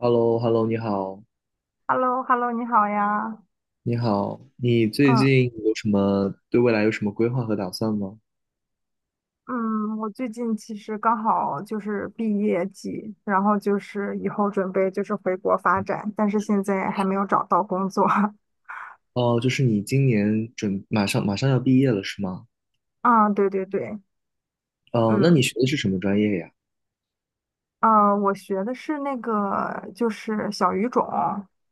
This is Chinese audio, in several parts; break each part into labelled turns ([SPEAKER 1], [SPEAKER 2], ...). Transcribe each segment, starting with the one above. [SPEAKER 1] h e l l o h e l l o 你好，
[SPEAKER 2] Hello，Hello，你好呀。
[SPEAKER 1] 你好，你最
[SPEAKER 2] 嗯
[SPEAKER 1] 近有什么对未来有什么规划和打算吗？
[SPEAKER 2] 嗯，我最近其实刚好就是毕业季，然后就是以后准备就是回国发展，但是现在还没有找到工作。
[SPEAKER 1] 哦，就是你今年马上要毕业了是吗？
[SPEAKER 2] 啊，对对对。
[SPEAKER 1] 哦，那
[SPEAKER 2] 嗯
[SPEAKER 1] 你学的是什么专业呀？
[SPEAKER 2] 啊，我学的是那个就是小语种，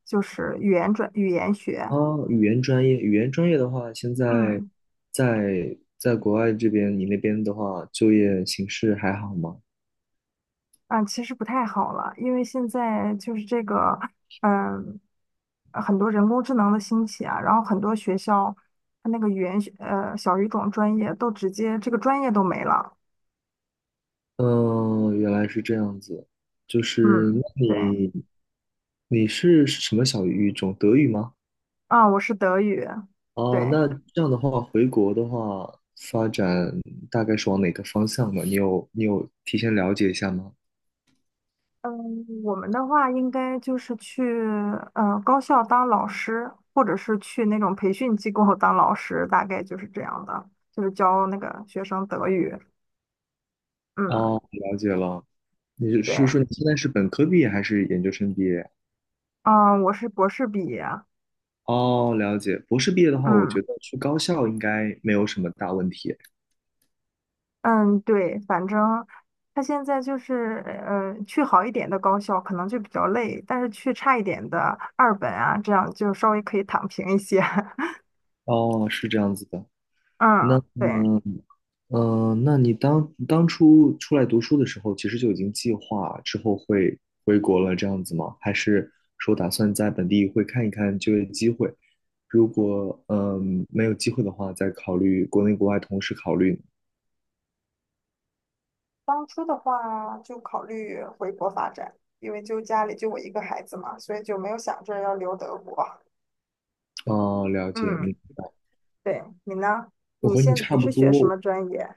[SPEAKER 2] 就是语言学。
[SPEAKER 1] 哦，语言专业，语言专业的话，现在
[SPEAKER 2] 嗯。
[SPEAKER 1] 在国外这边，你那边的话，就业形势还好吗？
[SPEAKER 2] 啊，其实不太好了，因为现在就是这个，嗯，很多人工智能的兴起啊，然后很多学校它那个语言学小语种专业都直接这个专业都没了。
[SPEAKER 1] 嗯，原来是这样子，就是
[SPEAKER 2] 嗯，
[SPEAKER 1] 那
[SPEAKER 2] 对。
[SPEAKER 1] 你是什么小语种？德语吗？
[SPEAKER 2] 啊，我是德语，
[SPEAKER 1] 哦，
[SPEAKER 2] 对。
[SPEAKER 1] 那这样的话，回国的话，发展大概是往哪个方向呢？你有提前了解一下吗？
[SPEAKER 2] 嗯，我们的话应该就是去高校当老师，或者是去那种培训机构 当老师，大概就是这样的，就是教那个学生德语。嗯，
[SPEAKER 1] 哦，了解了。你是
[SPEAKER 2] 对。
[SPEAKER 1] 说你现在是本科毕业还是研究生毕业？
[SPEAKER 2] 嗯，我是博士毕业。
[SPEAKER 1] 哦，了解。博士毕业的话，我觉
[SPEAKER 2] 嗯
[SPEAKER 1] 得去高校应该没有什么大问题。
[SPEAKER 2] 嗯，对，反正他现在就是，去好一点的高校可能就比较累，但是去差一点的二本啊，这样就稍微可以躺平一些。
[SPEAKER 1] 哦，是这样子的。那
[SPEAKER 2] 嗯，对。
[SPEAKER 1] 嗯、那你当初出来读书的时候，其实就已经计划之后会回国了，这样子吗？还是说打算在本地会看一看就业机会？如果没有机会的话，再考虑国内国外同时考虑。
[SPEAKER 2] 当初的话就考虑回国发展，因为就家里就我一个孩子嘛，所以就没有想着要留德国。
[SPEAKER 1] 哦，了解
[SPEAKER 2] 嗯，
[SPEAKER 1] 你，
[SPEAKER 2] 对。你呢？
[SPEAKER 1] 我和你差
[SPEAKER 2] 你
[SPEAKER 1] 不
[SPEAKER 2] 是学什
[SPEAKER 1] 多，
[SPEAKER 2] 么专业？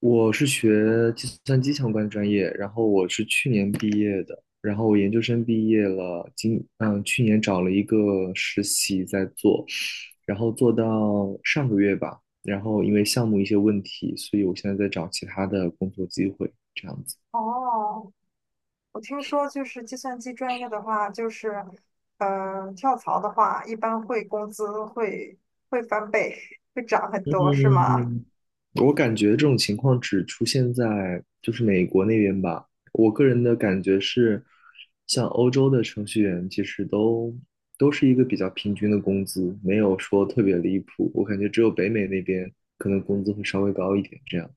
[SPEAKER 1] 我是学计算机相关专业，然后我是去年毕业的，然后我研究生毕业了，去年找了一个实习在做，然后做到上个月吧，然后因为项目一些问题，所以我现在在找其他的工作机会，这样子。
[SPEAKER 2] 哦，我听说，就是计算机专业的话，就是，跳槽的话，一般会工资会翻倍，会涨很多，是吗？
[SPEAKER 1] 嗯，我感觉这种情况只出现在就是美国那边吧。我个人的感觉是，像欧洲的程序员其实都是一个比较平均的工资，没有说特别离谱。我感觉只有北美那边可能工资会稍微高一点这样。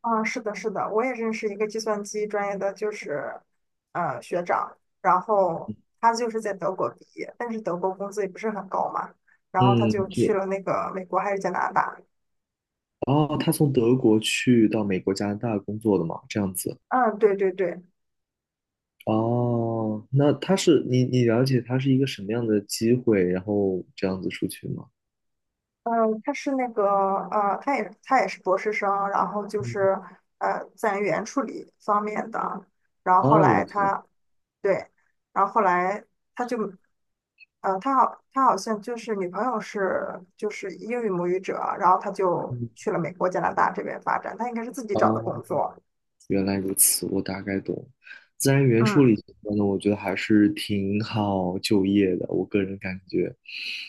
[SPEAKER 2] 啊，是的，是的，我也认识一个计算机专业的，就是，学长，然后他就是在德国毕业，但是德国工资也不是很高嘛，然后他就
[SPEAKER 1] 嗯，
[SPEAKER 2] 去了那个美国还是加拿大。
[SPEAKER 1] 哦，他从德国去到美国、加拿大工作的嘛，这样子。
[SPEAKER 2] 嗯，对对对。
[SPEAKER 1] 哦，那他是你了解他是一个什么样的机会，然后这样子出去吗？
[SPEAKER 2] 他是那个他也是博士生，然后就
[SPEAKER 1] 嗯，
[SPEAKER 2] 是在言处理方面的，然后后
[SPEAKER 1] 啊，了
[SPEAKER 2] 来
[SPEAKER 1] 解。
[SPEAKER 2] 他对，然后后来他就他好像就是女朋友是就是英语母语者，然后他就
[SPEAKER 1] 嗯，
[SPEAKER 2] 去了美国、加拿大这边发展，他应该是自己找的
[SPEAKER 1] 哦，
[SPEAKER 2] 工作。
[SPEAKER 1] 原来如此，我大概懂。自然语言处理
[SPEAKER 2] 嗯
[SPEAKER 1] 相关的，我觉得还是挺好就业的，我个人感觉，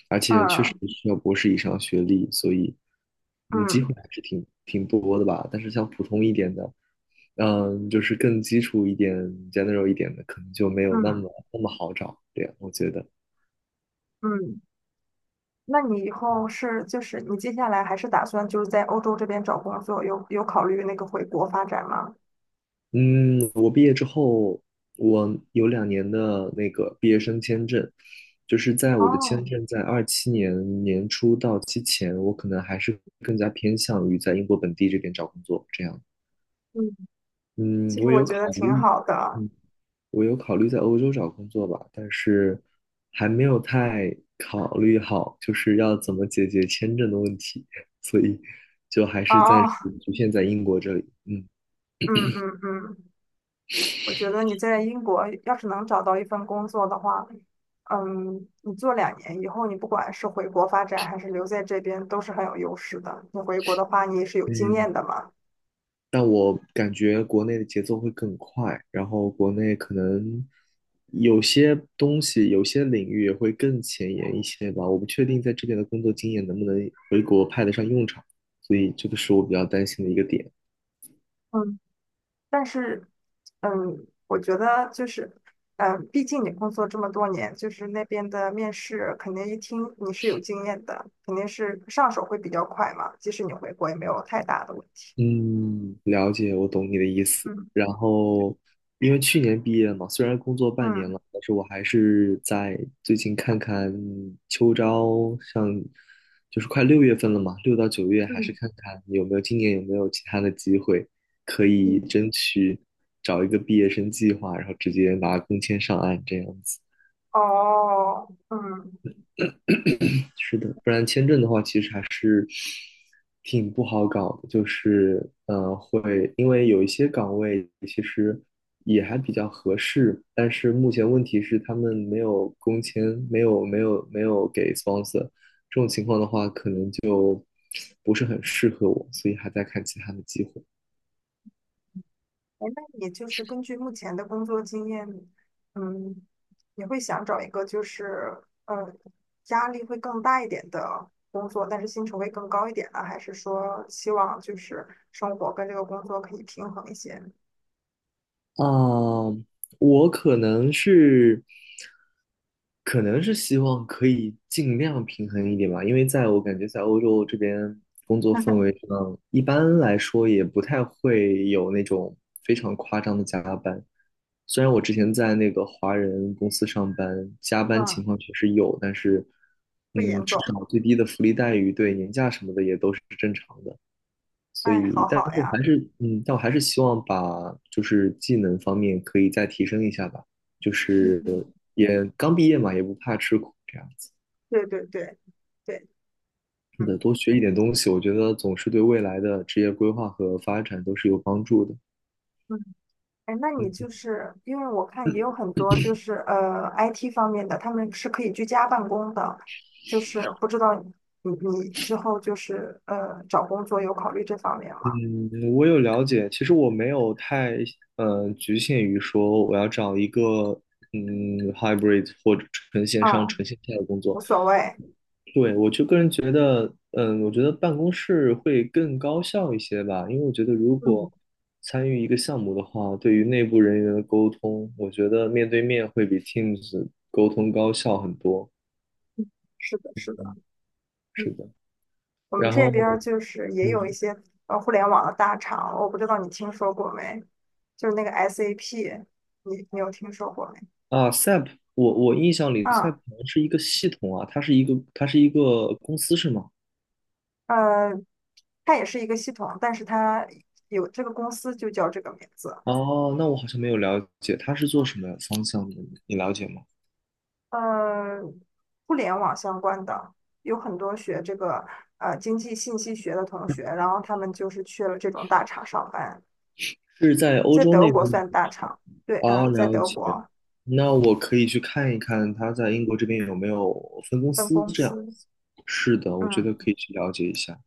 [SPEAKER 1] 而且确实
[SPEAKER 2] 嗯
[SPEAKER 1] 需要博士以上学历，所以嗯，机
[SPEAKER 2] 嗯
[SPEAKER 1] 会还是挺多的吧。但是像普通一点的，嗯，就是更基础一点、general 一点的，可能就没有那
[SPEAKER 2] 嗯
[SPEAKER 1] 么那么好找。对，我觉得。
[SPEAKER 2] 嗯。那你以后你接下来还是打算就是在欧洲这边找工作，有考虑那个回国发展吗？
[SPEAKER 1] 嗯，我毕业之后，我有2年的那个毕业生签证，就是在我的
[SPEAKER 2] 哦，
[SPEAKER 1] 签证在27年年初到期前，我可能还是更加偏向于在英国本地这边找工作这样。
[SPEAKER 2] 嗯，
[SPEAKER 1] 嗯，
[SPEAKER 2] 其实
[SPEAKER 1] 我
[SPEAKER 2] 我
[SPEAKER 1] 有
[SPEAKER 2] 觉
[SPEAKER 1] 考
[SPEAKER 2] 得挺
[SPEAKER 1] 虑，
[SPEAKER 2] 好的。
[SPEAKER 1] 嗯，我有考虑在欧洲找工作吧，但是还没有太考虑好，就是要怎么解决签证的问题，所以就还是暂时
[SPEAKER 2] 哦，
[SPEAKER 1] 局限在英国这里。嗯。
[SPEAKER 2] 嗯，我觉得你在英国要是能找到一份工作的话，嗯，你做两年以后，你不管是回国发展还是留在这边，都是很有优势的。你回国的话，你也是有经验
[SPEAKER 1] 嗯
[SPEAKER 2] 的嘛。
[SPEAKER 1] 但我感觉国内的节奏会更快，然后国内可能有些东西、有些领域也会更前沿一些吧。我不确定在这边的工作经验能不能回国派得上用场，所以这个是我比较担心的一个点。
[SPEAKER 2] 嗯，但是，嗯，我觉得就是，嗯，毕竟你工作这么多年，就是那边的面试肯定一听你是有经验的，肯定是上手会比较快嘛。即使你回国也没有太大的问题。
[SPEAKER 1] 嗯，了解，我懂你的意思。
[SPEAKER 2] 嗯
[SPEAKER 1] 然后，因为去年毕业嘛，虽然工作半年
[SPEAKER 2] 嗯
[SPEAKER 1] 了，但是我还是在最近看看秋招，像就是快6月份了嘛，6到9月还是
[SPEAKER 2] 嗯
[SPEAKER 1] 看看有没有今年有没有其他的机会可以
[SPEAKER 2] 嗯，
[SPEAKER 1] 争取找一个毕业生计划，然后直接拿工签上岸这样子。
[SPEAKER 2] 哦，嗯。
[SPEAKER 1] 是的，不然签证的话，其实还是挺不好搞的，就是会因为有一些岗位其实也还比较合适，但是目前问题是他们没有工签，没有给 sponsor，这种情况的话，可能就不是很适合我，所以还在看其他的机会。
[SPEAKER 2] 哎，那你就是根据目前的工作经验，嗯，你会想找一个呃压力会更大一点的工作，但是薪酬会更高一点呢？还是说希望就是生活跟这个工作可以平衡一些？
[SPEAKER 1] 啊，我可能是，可能是希望可以尽量平衡一点吧，因为在我感觉在欧洲这边工作氛围上，一般来说也不太会有那种非常夸张的加班。虽然我之前在那个华人公司上班，加班情
[SPEAKER 2] 嗯，
[SPEAKER 1] 况确实有，但是，
[SPEAKER 2] 不
[SPEAKER 1] 嗯，
[SPEAKER 2] 严
[SPEAKER 1] 至
[SPEAKER 2] 重。
[SPEAKER 1] 少最低的福利待遇对年假什么的也都是正常的。所
[SPEAKER 2] 哎，
[SPEAKER 1] 以，
[SPEAKER 2] 好
[SPEAKER 1] 但
[SPEAKER 2] 好
[SPEAKER 1] 是还
[SPEAKER 2] 呀。
[SPEAKER 1] 是，嗯，但我还是希望把就是技能方面可以再提升一下吧，就
[SPEAKER 2] 嗯
[SPEAKER 1] 是
[SPEAKER 2] 嗯，
[SPEAKER 1] 也刚毕业嘛，也不怕吃苦这样子。
[SPEAKER 2] 对对对对，
[SPEAKER 1] 是的，
[SPEAKER 2] 嗯。
[SPEAKER 1] 多学一点东西，我觉得总是对未来的职业规划和发展都是有帮助的。
[SPEAKER 2] 哎，那你
[SPEAKER 1] 嗯
[SPEAKER 2] 就是因为我看也有很多就是IT 方面的，他们是可以居家办公的，就是不知道你之后就是找工作有考虑这方面吗？
[SPEAKER 1] 嗯，我有了解，其实我没有太，局限于说我要找一个，嗯，hybrid 或者纯线上、
[SPEAKER 2] 啊，
[SPEAKER 1] 纯线下的工
[SPEAKER 2] 无
[SPEAKER 1] 作。
[SPEAKER 2] 所谓。
[SPEAKER 1] 对，我就个人觉得，嗯，我觉得办公室会更高效一些吧，因为我觉得如
[SPEAKER 2] 嗯，
[SPEAKER 1] 果参与一个项目的话，对于内部人员的沟通，我觉得面对面会比 Teams 沟通高效很多。
[SPEAKER 2] 是的，是的。
[SPEAKER 1] 是
[SPEAKER 2] 嗯，
[SPEAKER 1] 的，
[SPEAKER 2] 我们
[SPEAKER 1] 然
[SPEAKER 2] 这边儿
[SPEAKER 1] 后，
[SPEAKER 2] 就是也有一
[SPEAKER 1] 嗯，
[SPEAKER 2] 些互联网的大厂，我不知道你听说过没？就是那个 SAP，你有听说过没？
[SPEAKER 1] SAP，我印象里
[SPEAKER 2] 啊，
[SPEAKER 1] SAP 好像是一个系统啊，它是一个公司是吗？
[SPEAKER 2] 呃，它也是一个系统，但是它有这个公司就叫这个名字。
[SPEAKER 1] 哦，那我好像没有了解，它是做什么方向的？你了解吗？
[SPEAKER 2] 呃，互联网相关的，有很多学这个经济信息学的同学，然后他们就是去了这种大厂上班，
[SPEAKER 1] 是在欧
[SPEAKER 2] 在
[SPEAKER 1] 洲
[SPEAKER 2] 德
[SPEAKER 1] 那
[SPEAKER 2] 国
[SPEAKER 1] 边的
[SPEAKER 2] 算大
[SPEAKER 1] 场
[SPEAKER 2] 厂，对。
[SPEAKER 1] 哦，
[SPEAKER 2] 嗯，在
[SPEAKER 1] 了
[SPEAKER 2] 德
[SPEAKER 1] 解。
[SPEAKER 2] 国
[SPEAKER 1] 那我可以去看一看他在英国这边有没有分公
[SPEAKER 2] 分
[SPEAKER 1] 司
[SPEAKER 2] 公
[SPEAKER 1] 这样。
[SPEAKER 2] 司。
[SPEAKER 1] 是的，我觉得
[SPEAKER 2] 嗯
[SPEAKER 1] 可以去了解一下，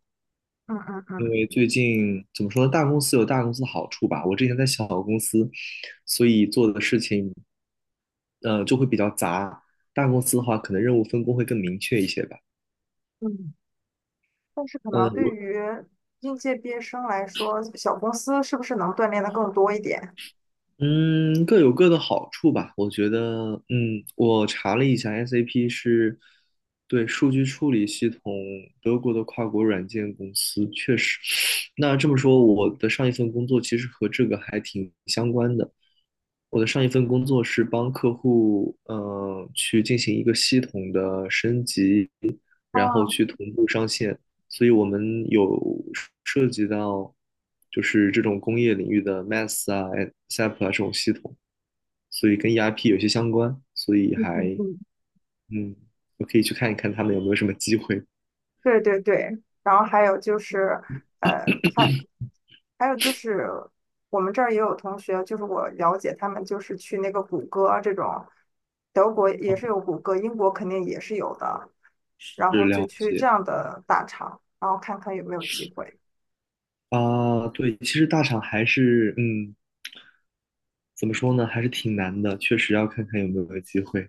[SPEAKER 2] 嗯嗯
[SPEAKER 1] 因
[SPEAKER 2] 嗯
[SPEAKER 1] 为最近怎么说呢，大公司有大公司的好处吧。我之前在小公司，所以做的事情就会比较杂。大公司的话，可能任务分工会更明确一些吧。
[SPEAKER 2] 嗯，但是可
[SPEAKER 1] 嗯，
[SPEAKER 2] 能对
[SPEAKER 1] 我
[SPEAKER 2] 于应届毕业生来说，小公司是不是能锻炼的更多一点？
[SPEAKER 1] 嗯，各有各的好处吧。我觉得，嗯，我查了一下，SAP 是对数据处理系统德国的跨国软件公司，确实。那这么说，我的上一份工作其实和这个还挺相关的。我的上一份工作是帮客户，去进行一个系统的升级。然后
[SPEAKER 2] 哦，
[SPEAKER 1] 去同步上线。所以我们有涉及到就是这种工业领域的 MATS 啊、SAP 啊这种系统，所以跟 ERP 有些相关，所以还
[SPEAKER 2] 嗯，
[SPEAKER 1] 嗯，我可以去看一看他们有没有什么机会。
[SPEAKER 2] 对对对，然后还有就是，呃，还还有就是我们这儿也有同学，就是我了解他们就是去那个谷歌啊这种，德国也
[SPEAKER 1] 嗯，
[SPEAKER 2] 是有谷歌，英国肯定也是有的，然
[SPEAKER 1] 是
[SPEAKER 2] 后就
[SPEAKER 1] 了
[SPEAKER 2] 去
[SPEAKER 1] 解
[SPEAKER 2] 这样的大厂，然后看看有没有机会。
[SPEAKER 1] 啊，对，其实大厂还是嗯。怎么说呢，还是挺难的，确实要看看有没有机会。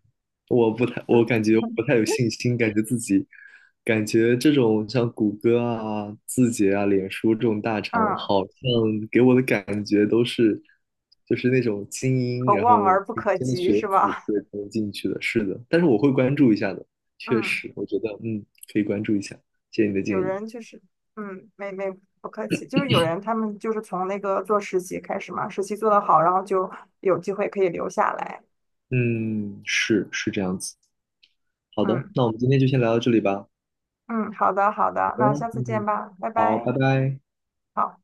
[SPEAKER 1] 我感觉不太有信心，感觉自己，感觉这种像谷歌啊、字节啊、脸书这种大厂，
[SPEAKER 2] 嗯，
[SPEAKER 1] 好像给我的感觉都是，就是那种精英，
[SPEAKER 2] 可
[SPEAKER 1] 然
[SPEAKER 2] 望
[SPEAKER 1] 后
[SPEAKER 2] 而不
[SPEAKER 1] 顶
[SPEAKER 2] 可
[SPEAKER 1] 尖的
[SPEAKER 2] 及
[SPEAKER 1] 学
[SPEAKER 2] 是
[SPEAKER 1] 府
[SPEAKER 2] 吧？
[SPEAKER 1] 对才能进去的。是的，但是我会关注一下的，确
[SPEAKER 2] 嗯，
[SPEAKER 1] 实，我觉得嗯，可以关注一下，谢谢你的
[SPEAKER 2] 有
[SPEAKER 1] 建议。
[SPEAKER 2] 人就是嗯，没没不客气，就是有人他们就是从那个做实习开始嘛，实习做的好，然后就有机会可以留下来。
[SPEAKER 1] 嗯，是这样子。好的，
[SPEAKER 2] 嗯
[SPEAKER 1] 那我们今天就先聊到这里吧。
[SPEAKER 2] 嗯，好的好的，那下次见
[SPEAKER 1] 嗯，
[SPEAKER 2] 吧，拜
[SPEAKER 1] 好，拜
[SPEAKER 2] 拜。
[SPEAKER 1] 拜。
[SPEAKER 2] 好。